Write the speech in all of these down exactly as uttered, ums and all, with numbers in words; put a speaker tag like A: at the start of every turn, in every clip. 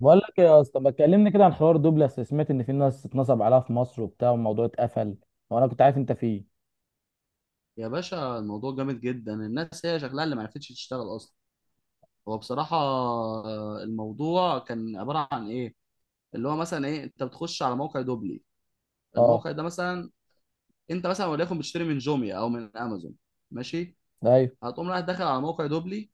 A: بقول لك إيه يا اسطى؟ ما تكلمني كده عن حوار دوبلاس، سمعت ان في ناس اتنصب عليها في مصر وبتاع والموضوع اتقفل. وانا كنت عارف انت فيه.
B: يا باشا، الموضوع جامد جدا. الناس هي شكلها اللي ما عرفتش تشتغل اصلا. هو بصراحه، آه، الموضوع كان عباره عن ايه، اللي هو مثلا ايه؟ انت بتخش على موقع دوبلي،
A: اه.
B: الموقع ده مثلا. انت مثلا وليكن بتشتري من جوميا او من امازون، ماشي.
A: ايوه.
B: هتقوم رايح داخل على موقع دوبلي.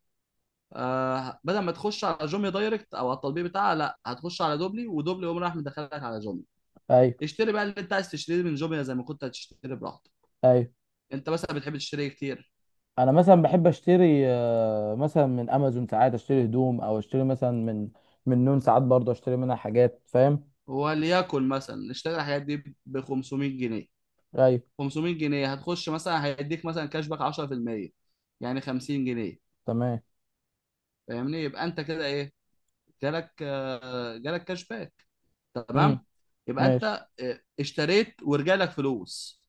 B: آه بدل ما تخش على جوميا دايركت او على التطبيق بتاعها، لا، هتخش على دوبلي، ودوبلي يقوم رايح مدخلك على جوميا.
A: ايوه.
B: اشتري بقى اللي انت عايز تشتريه من جوميا زي ما كنت هتشتري براحتك.
A: ايوه
B: انت مثلا بتحب تشتري إيه كتير؟
A: انا مثلا بحب اشتري، آه، مثلا من امازون ساعات اشتري هدوم، او اشتري مثلا من من نون، ساعات برضه اشتري منها حاجات، فاهم؟
B: وليكن مثلا اشتري الحاجات دي ب خمسمية جنيه.
A: ايوه.
B: خمسمية جنيه هتخش مثلا هيديك مثلا كاشباك عشرة في المية، يعني خمسين جنيه.
A: تمام.
B: فاهمني؟ يبقى انت كده ايه، جالك آه، جالك كاشباك.
A: امم.
B: تمام، يبقى
A: ماشي.
B: انت آه، اشتريت ورجع لك فلوس.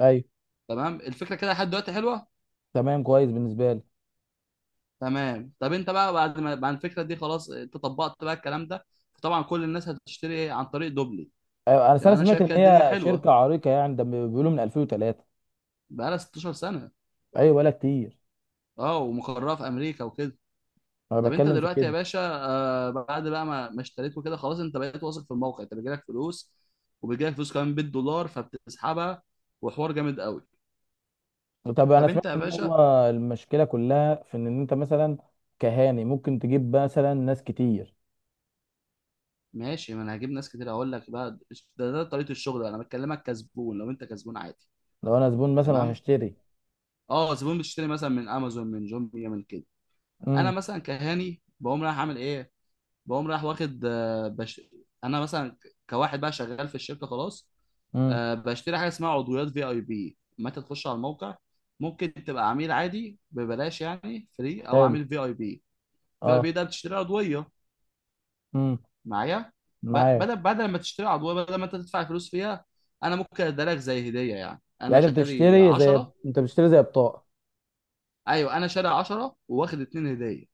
A: ايوه.
B: تمام، الفكره كده لحد دلوقتي حلوه.
A: تمام، كويس بالنسبه لي.
B: تمام. طب انت بقى بعد ما بعد الفكره دي، خلاص انت طبقت بقى الكلام ده، طبعا كل الناس هتشتري ايه عن طريق دوبلي.
A: ايوه انا أصل
B: يبقى
A: أنا
B: انا
A: سمعت
B: شايف
A: ان
B: كده الدنيا
A: هي شركه
B: حلوه،
A: عريقه يعني، ده بيقولوا من ألفين وثلاثة.
B: بقى لها 16 سنه.
A: ايوه ولا كتير.
B: اه، ومقرها في امريكا وكده.
A: انا
B: طب انت
A: بتكلم في
B: دلوقتي يا
A: كده.
B: باشا، آه بعد بقى ما ما اشتريت وكده، خلاص انت بقيت واثق في الموقع، انت بيجيلك فلوس، وبيجيلك فلوس كمان بالدولار، فبتسحبها، وحوار جامد قوي.
A: طب انا
B: طب انت
A: سمعت
B: يا
A: ان هو
B: باشا،
A: المشكله كلها في ان إن انت مثلا كهاني ممكن تجيب مثلا ناس كتير.
B: ماشي، ما انا هجيب ناس كتير اقول لك بقى. ده, ده طريقه الشغل بقى. انا بكلمك كزبون، لو انت كزبون عادي،
A: لو انا زبون مثلا
B: تمام.
A: وهشتري.
B: اه، زبون بتشتري مثلا من امازون، من جوميا، من كده. انا
A: امم.
B: مثلا كهاني بقوم رايح اعمل ايه؟ بقوم رايح واخد آه، بش... انا مثلا كواحد بقى شغال في الشركه خلاص.
A: امم.
B: آه، بشتري حاجه اسمها عضويات في اي بي. متى تخش على الموقع، ممكن تبقى عميل عادي ببلاش، يعني فري، او
A: حلو.
B: عميل في اي بي. في اي
A: اه.
B: بي ده بتشتري عضويه
A: امم.
B: معايا. ب-
A: معاك.
B: بدل بدل ما تشتري عضويه، بدل ما انت تدفع فلوس فيها، انا ممكن اديها لك زي هديه. يعني انا
A: يعني انت
B: شاري
A: بتشتري زي،
B: عشرة.
A: انت بتشتري زي بطاقه.
B: ايوه، انا شاري عشرة واخد اتنين هديه.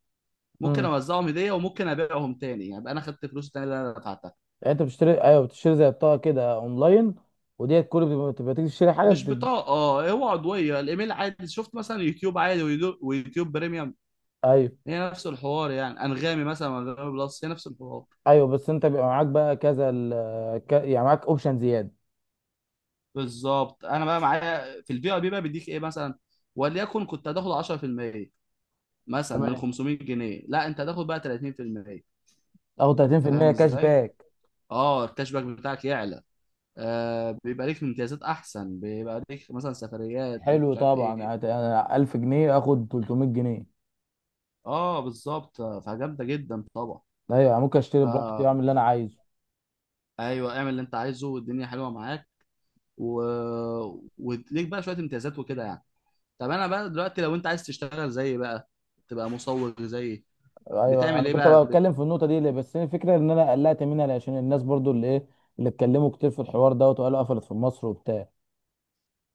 B: ممكن
A: امم.
B: اوزعهم هديه، وممكن ابيعهم تاني، يعني يبقى انا خدت فلوس تاني اللي انا دفعتها.
A: يعني انت بتشتري، ايوه بتشتري زي بطاقه كده اونلاين، وديت كل بتبقى بتبقى تيجي تشتري حاجه
B: مش
A: تد...
B: بطاقه. اه، هو عضويه الايميل. عادي شفت مثلا يوتيوب عادي، ويدو- ويوتيوب بريميوم.
A: ايوه.
B: هي نفس الحوار. يعني انغامي مثلا وانغامي بلس هي نفس الحوار.
A: ايوه بس انت بيبقى معاك بقى كذا ال... ك... يعني معاك اوبشن زياده.
B: بالظبط. انا بقى معايا في البي ار بي بقى بيديك ايه مثلا؟ وليكن كنت هتاخد عشرة في المية مثلا من
A: تمام.
B: خمسمية جنيه، لا، انت هتاخد بقى تلاتين في المية.
A: او
B: انت فاهم
A: تلاتين في المية، كاش
B: ازاي؟
A: باك.
B: اه، الكاش باك بتاعك يعلى. آه بيبقى ليك امتيازات احسن، بيبقى ليك مثلا سفريات، ليك
A: حلو
B: مش عارف
A: طبعا،
B: ايه.
A: هت- انا ألف جنيه اخد تلتمية جنيه.
B: اه، بالظبط، فجامده جدا طبعا.
A: ايوه ممكن اشتري
B: ف
A: براحتي واعمل اللي انا عايزه.
B: ايوه، اعمل اللي انت عايزه والدنيا حلوه معاك. و... وليك بقى شويه امتيازات وكده يعني. طب انا بقى دلوقتي لو انت عايز تشتغل زيي بقى، تبقى مصور زيي،
A: ايوه
B: بتعمل
A: انا
B: ايه
A: كنت
B: بقى
A: بقى
B: بت...
A: بتكلم في النقطه دي ليه، بس هي الفكره ان انا قلقت منها عشان الناس برضو اللي ايه، اللي اتكلموا كتير في الحوار دوت، وقالوا قفلت في مصر وبتاع.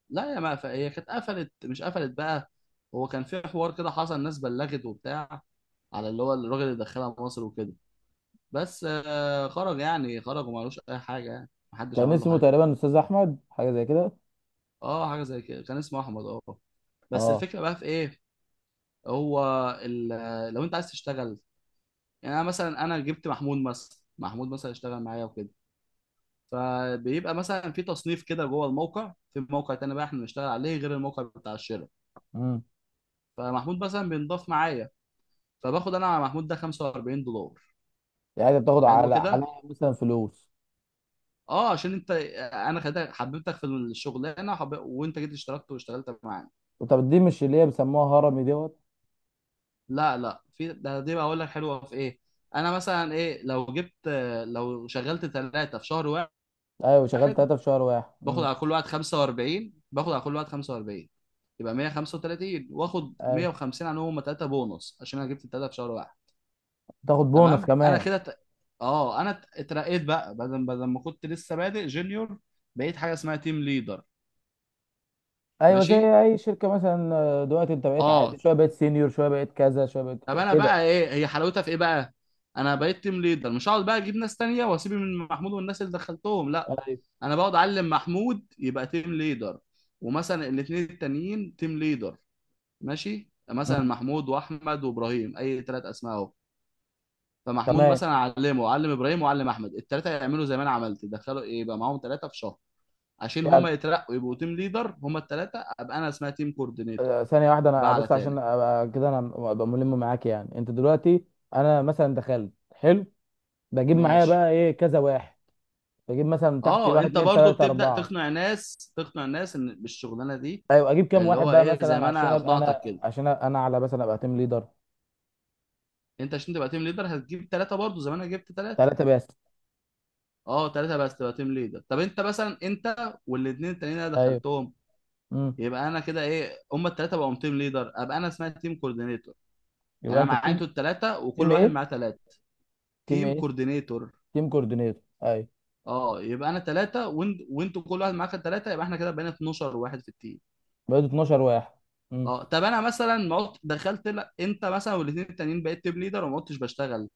B: لا، يا ما ف... هي كانت قفلت، مش قفلت بقى. هو كان في حوار كده حصل، الناس بلغت وبتاع، على اللي هو الراجل اللي دخلها مصر وكده. بس آه خرج، يعني خرج، وما لوش اي حاجه، يعني محدش
A: كان
B: عمل له
A: اسمه
B: حاجه.
A: تقريبا استاذ احمد، حاجه زي كده.
B: اه، حاجه زي كده، كان اسمه احمد. اه. بس
A: اه.
B: الفكره بقى في ايه؟ هو ال... لو انت عايز تشتغل، يعني انا مثلا، انا جبت محمود مثلا، محمود مثلا اشتغل معايا وكده، فبيبقى مثلا في تصنيف كده جوه الموقع، في موقع تاني بقى احنا بنشتغل عليه غير الموقع بتاع الشراء.
A: امم.
B: فمحمود مثلا بينضاف معايا، فباخد انا على محمود ده خمسة واربعين دولار.
A: يعني بتاخد
B: حلو
A: على على
B: كده،
A: مثلا فلوس؟
B: اه، عشان انت انا خدتك، حببتك في الشغلانه، وحب... وانت جيت اشتركت واشتغلت معانا.
A: طب دي مش اللي هي بيسموها هرمي دوت؟
B: لا، لا، في ده دي بقى اقول لك حلوه في ايه. انا مثلا ايه، لو جبت، لو شغلت ثلاثه في شهر
A: ايوه، شغال
B: واحد،
A: ثلاثه في شهر واحد.
B: باخد
A: امم.
B: على كل واحد خمسة واربعين، باخد على كل واحد خمسة واربعين، يبقى مية وخمسة وتلاتين، واخد
A: ايوه،
B: مية وخمسين عنهم هم ثلاثه، بونص عشان انا جبت الثلاثه في شهر واحد.
A: تاخد بونص
B: تمام. انا
A: كمان.
B: كده ت... اه، انا ات- اترقيت بقى، بدل بدل ما كنت لسه بادئ جونيور، بقيت حاجه اسمها تيم ليدر.
A: ايوه زي
B: ماشي.
A: اي شركه مثلا، آه، دلوقتي انت بقيت عادي
B: اه،
A: شويه، بقيت سينيور شويه، بقيت كذا شويه، بقيت
B: طب
A: كذا
B: انا
A: كده.
B: بقى ايه هي حلاوتها في ايه بقى؟ انا بقيت تيم ليدر، مش هقعد بقى اجيب ناس تانية واسيب من محمود والناس اللي دخلتهم، لا،
A: ايوه.
B: انا بقعد اعلم محمود يبقى تيم ليدر، ومثلا الاثنين التانيين تيم ليدر. ماشي، مثلا
A: امم.
B: محمود واحمد وابراهيم، اي ثلاث اسماء اهو. فمحمود
A: تمام.
B: مثلا علمه، علم ابراهيم وعلم احمد، الثلاثه يعملوا زي ما انا عملت، يدخلوا ايه، يبقى معاهم ثلاثه في شهر، عشان
A: يعني،
B: هم يترقوا يبقوا تيم ليدر، هم الثلاثه، ابقى انا اسمها تيم كوردينيتور.
A: آه، ثانيه واحده انا
B: بقى على
A: بس عشان
B: تاني.
A: ابقى كده، انا ابقى ملم معاك. يعني انت دلوقتي، انا مثلا دخلت، حلو، بجيب معايا
B: ماشي.
A: بقى ايه كذا واحد، بجيب مثلا تحتي
B: اه،
A: واحد
B: انت
A: اتنين
B: برضو
A: تلاته
B: بتبدا
A: اربعه.
B: تقنع ناس تقنع الناس ان بالشغلانه دي،
A: ايوه اجيب كام
B: اللي
A: واحد
B: هو
A: بقى
B: ايه، زي
A: مثلا
B: ما
A: عشان
B: انا
A: ابقى
B: اقنعتك
A: انا
B: كده،
A: عشان أبقى انا على مثلا، ابقى تيم ليدر؟
B: انت عشان تبقى تيم ليدر هتجيب ثلاثه برضو زي ما انا جبت ثلاثه.
A: ثلاثه بس؟
B: اه، ثلاثه بس تبقى تيم ليدر. طب انت مثلا انت والاثنين التانيين اللي انا
A: ايوه.
B: دخلتهم،
A: امم.
B: يبقى انا كده ايه، هما الثلاثه بقوا تيم ليدر، ابقى انا اسمها تيم كوردينيتور. يعني
A: يبقى
B: انا
A: انت
B: معايا
A: التيم،
B: انتوا الثلاثه، وكل
A: تيم
B: واحد
A: ايه؟
B: معاه ثلاثه.
A: تيم
B: تيم
A: ايه؟
B: كوردينيتور.
A: تيم كوردينيتور. ايوه،
B: اه، يبقى انا ثلاثه وانت وانتوا كل واحد معاك ثلاثه، يبقى احنا كده بقينا اتناشر واحد في التيم.
A: بقيت اتناشر واحد.
B: اه. طب انا مثلا ما قلت- دخلت، لا، انت مثلا والاثنين التانيين بقيت تيم ليدر وما كنتش بشتغل،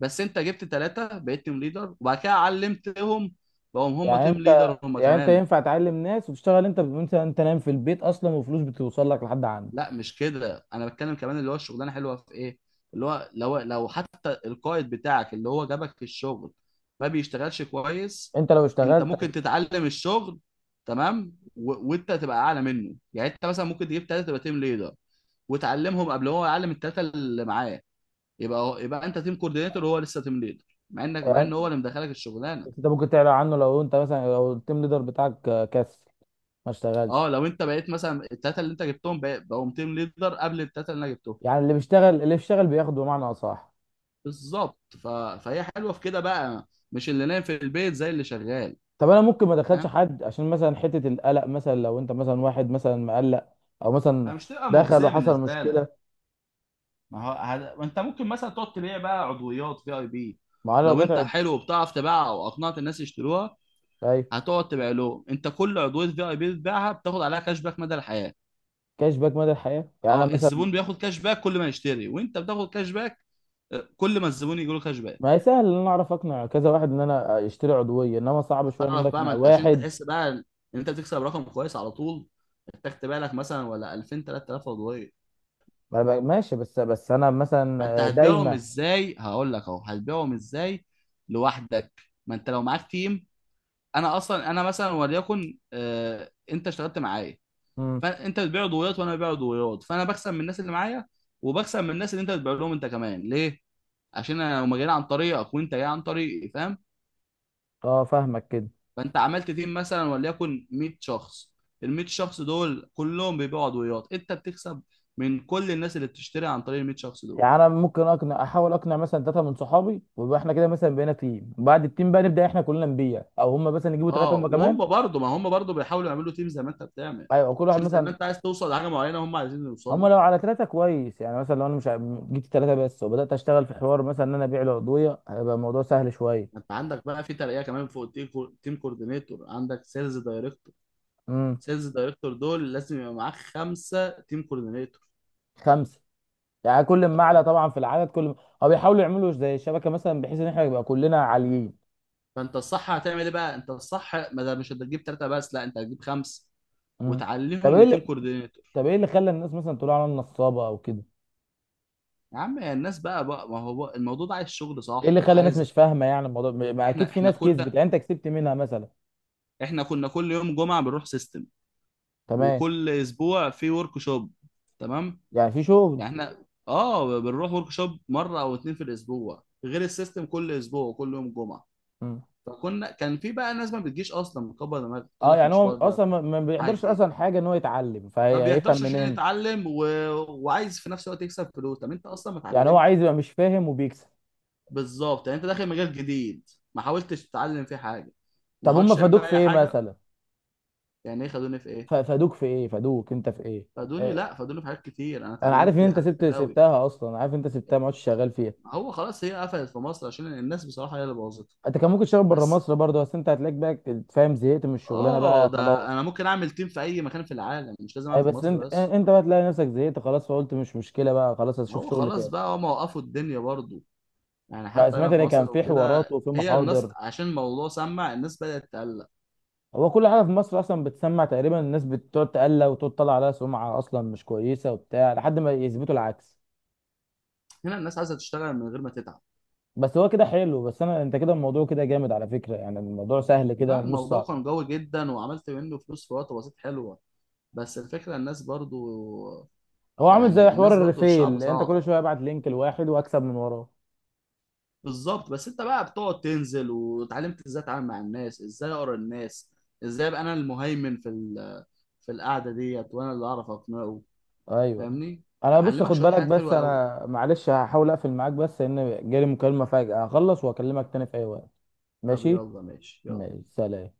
B: بس انت جبت ثلاثه بقيت تيم ليدر، وبعد كده علمتهم بقوا هم
A: يعني
B: تيم
A: انت
B: ليدر هم
A: يعني انت
B: كمان.
A: ينفع تعلم ناس وتشتغل انت، وانت انت نايم في البيت اصلا وفلوس بتوصل لك لحد عندك؟
B: لا، مش كده، انا بتكلم كمان اللي هو الشغلانه حلوه في ايه، اللي هو لو لو حتى القائد بتاعك اللي هو جابك في الشغل ما بيشتغلش كويس،
A: انت لو
B: انت
A: اشتغلت.
B: ممكن تتعلم الشغل، تمام. و... وانت تبقى اعلى منه، يعني انت مثلا ممكن تجيب ثلاثه تبقى تيم ليدر، وتعلمهم قبل هو يعلم الثلاثه اللي معاه. يبقى هو... يبقى انت تيم كوردينيتور وهو لسه تيم ليدر، مع انك مع ان هو
A: يعني
B: اللي مدخلك الشغلانه.
A: بس انت ممكن تعلى عنه لو انت مثلا، لو التيم ليدر بتاعك كسل ما
B: اه،
A: اشتغلش.
B: لو انت بقيت مثلا الثلاثه اللي انت جبتهم بق- بقوا تيم ليدر قبل الثلاثه اللي انا جبتهم،
A: يعني اللي بيشتغل، اللي بيشتغل بياخد بمعنى اصح.
B: بالظبط. ف... فهي حلوه في كده بقى، مش اللي نايم في البيت زي اللي شغال.
A: طب انا ممكن ما ادخلش
B: فاهم،
A: حد عشان مثلا حته القلق، مثلا لو انت مثلا واحد مثلا مقلق، او مثلا
B: فمش تبقى
A: دخل
B: مغزيه
A: وحصل
B: بالنسبه لك.
A: مشكله.
B: ما هو هد... انت ممكن مثلا تقعد تبيع بقى عضويات في اي بي،
A: ما انا لو
B: لو
A: بعت.
B: انت حلو وبتعرف تبيعها او اقنعت الناس يشتروها،
A: ايوه.
B: هتقعد تبيع لهم. انت كل عضويه في اي بي بتبيعها بتاخد عليها كاش باك مدى الحياه.
A: كاش باك مدى الحياه، يعني انا
B: اه،
A: مثلا.
B: الزبون بياخد كاش باك كل ما يشتري، وانت بتاخد كاش باك آه، كل ما الزبون يجي له كاش باك.
A: ما هي سهل ان انا اعرف اقنع كذا واحد ان انا يشتري عضويه، انما صعب شويه ان انا
B: هتعرف بقى، ما
A: اقنع
B: انت عشان
A: واحد.
B: تحس بقى ان انت بتكسب رقم كويس على طول، محتاج تبيع لك مثلا ولا الفين تلات تلاف عضويه.
A: ما بقى- ماشي، بس بس انا
B: ما انت
A: مثلا
B: هتبيعهم
A: دايما.
B: ازاي هقول لك اهو، هتبيعهم ازاي لوحدك؟ ما انت لو معاك تيم، انا اصلا، انا مثلا وليكن آه انت اشتغلت معايا،
A: امم.
B: فانت بتبيع عضويات وانا ببيع عضويات، فانا بكسب من الناس اللي معايا، وبكسب من الناس اللي انت بتبيع لهم انت كمان، ليه؟ عشان انا لو ما جينا عن طريقك وانت جاي عن طريقي، فاهم؟
A: اه فاهمك كده.
B: فانت عملت تيم مثلا وليكن ميت شخص، ال ميت شخص دول كلهم بيبيعوا عضويات، انت بتكسب من كل الناس اللي بتشتري عن طريق ال ميت شخص دول.
A: يعني انا ممكن اقنع، احاول اقنع مثلا ثلاثه من صحابي، ويبقى احنا كده مثلا بقينا تيم، بعد التيم بقى نبدا احنا كلنا نبيع، او هم مثلا يجيبوا ثلاثه
B: اه،
A: هم كمان.
B: وهم برضه ما هم برضه بيحاولوا يعملوا تيم زي ما انت بتعمل،
A: ايوه كل واحد
B: عشان زي ما
A: مثلا.
B: انت عايز توصل لحاجه معينه هم عايزين
A: هم
B: يوصلوا.
A: لو على ثلاثه كويس، يعني مثلا لو انا مش ع- جبت ثلاثه بس وبدات اشتغل في حوار مثلا ان انا ابيع العضويه، هيبقى الموضوع سهل
B: ما
A: شويه.
B: انت عندك بقى في ترقيه كمان فوق التيم كو- تيم كوردينيتور، عندك سيلز دايركتور.
A: امم.
B: سيلز دايركتور دول لازم يبقى معاك خمسه تيم كوردينيتور.
A: خمسه. يعني كل ما اعلى
B: اه،
A: طبعا في العدد كل ما، هو بيحاولوا يعملوا زي الشبكه مثلا، بحيث ان احنا يبقى كلنا عاليين.
B: فانت الصح هتعمل ايه بقى؟ انت الصح، ما ده مش هتجيب ثلاثه بس، لا، انت هتجيب خمسه
A: مم. طب
B: وتعلمهم
A: ايه
B: لتيم
A: اللي،
B: كوردينيتور.
A: طب ايه اللي خلى الناس مثلا تقول على نصابه او كده؟
B: يا عم، يا الناس بقى بقى ما هو بقى الموضوع ده عايز شغل
A: ايه اللي
B: صح،
A: خلى الناس مش
B: عايز،
A: فاهمه؟ يعني الموضوع ما ما اكيد
B: احنا
A: في
B: احنا
A: ناس كسبت،
B: كنا،
A: يعني انت كسبت منها مثلا.
B: احنا كنا كل يوم جمعه بنروح سيستم،
A: تمام،
B: وكل اسبوع في ورك شوب. تمام.
A: يعني في شغل.
B: يعني احنا اه بنروح ورك شوب مره او اتنين في الاسبوع، غير السيستم كل اسبوع وكل يوم جمعه.
A: مم.
B: فكنا كان في بقى ناس ما بتجيش اصلا، مكبر دماغك تقول
A: اه
B: لك
A: يعني
B: مش
A: هو
B: فاضيه،
A: اصلا ما ما بيقدرش
B: حاجه
A: اصلا حاجه، ان هو يتعلم
B: ما
A: فهيفهم
B: بيحضرش عشان
A: منين؟
B: يتعلم و... وعايز في نفس الوقت يكسب فلوس. طب انت اصلا ما
A: يعني هو
B: اتعلمت،
A: عايز يبقى مش فاهم وبيكسب.
B: بالظبط. يعني انت داخل مجال جديد، ما حاولتش تتعلم فيه حاجه، وما
A: طب هم
B: حاولتش تعمل
A: فادوك
B: فيه
A: في
B: اي
A: ايه
B: حاجه.
A: مثلا؟
B: يعني ايه خدوني في ايه؟
A: ف- فادوك في ايه، فادوك انت في ايه؟
B: خدوني؟
A: آه،
B: لا، خدوني في حاجات كتير، انا
A: انا عارف ان
B: اتعلمت
A: انت
B: حاجات
A: سبت
B: كتير قوي.
A: سبتها اصلا، عارف إن انت سبتها ما عادش شغال فيها.
B: هو خلاص، هي قفلت في مصر عشان الناس بصراحة هي اللي بوظتها.
A: انت كان ممكن تشتغل بره
B: بس
A: مصر برضه، بس انت هتلاقيك بقى فاهم، زهقت من الشغلانه
B: اه،
A: بقى
B: ده
A: خلاص.
B: انا ممكن اعمل تيم في اي مكان في العالم، مش لازم
A: اي
B: اعمل في
A: بس
B: مصر
A: انت،
B: بس.
A: انت بقى تلاقي نفسك زهقت خلاص، فقلت مش مشكله بقى، خلاص هشوف
B: هو
A: شغل
B: خلاص
A: تاني.
B: بقى، هم وقفوا الدنيا برضو، يعني
A: لا،
B: حتى
A: سمعت
B: هنا في
A: ان كان
B: مصر
A: في حوارات
B: وكده
A: وفي
B: هي الناس
A: محاضر.
B: عشان الموضوع، سمع الناس بدأت تقلق.
A: هو كل حاجه في مصر اصلا بتسمع تقريبا الناس بتقعد تقلق، وتقعد تطلع عليها سمعه اصلا مش كويسه وبتاع، لحد ما يثبتوا العكس.
B: هنا الناس عايزة تشتغل من غير ما تتعب.
A: بس هو كده حلو، بس انا انت كده الموضوع كده جامد على فكره، يعني الموضوع سهل كده
B: لا،
A: ومش
B: الموضوع
A: صعب.
B: كان قوي جدا وعملت منه فلوس في وقت بسيط حلوة، بس الفكرة الناس برضو،
A: هو عامل زي
B: يعني
A: حوار
B: الناس برضو، الشعب
A: الريفيل، انت
B: صعب.
A: كل شويه ابعت لينك لواحد واكسب من وراه.
B: بالظبط، بس انت بقى بتقعد تنزل واتعلمت ازاي اتعامل مع الناس، ازاي اقرا الناس، ازاي ابقى انا المهيمن في ال- في القعده ديت، وانا اللي اعرف اقنعه،
A: ايوه
B: فاهمني.
A: انا بص
B: علمك
A: خد
B: شويه
A: بالك،
B: حاجات
A: بس
B: حلوه قوي.
A: انا معلش هحاول اقفل معاك بس لان جالي مكالمة فجأة، هخلص واكلمك تاني في اي وقت.
B: طب
A: ماشي.
B: يلا، ماشي، يلا.
A: ماشي، سلام.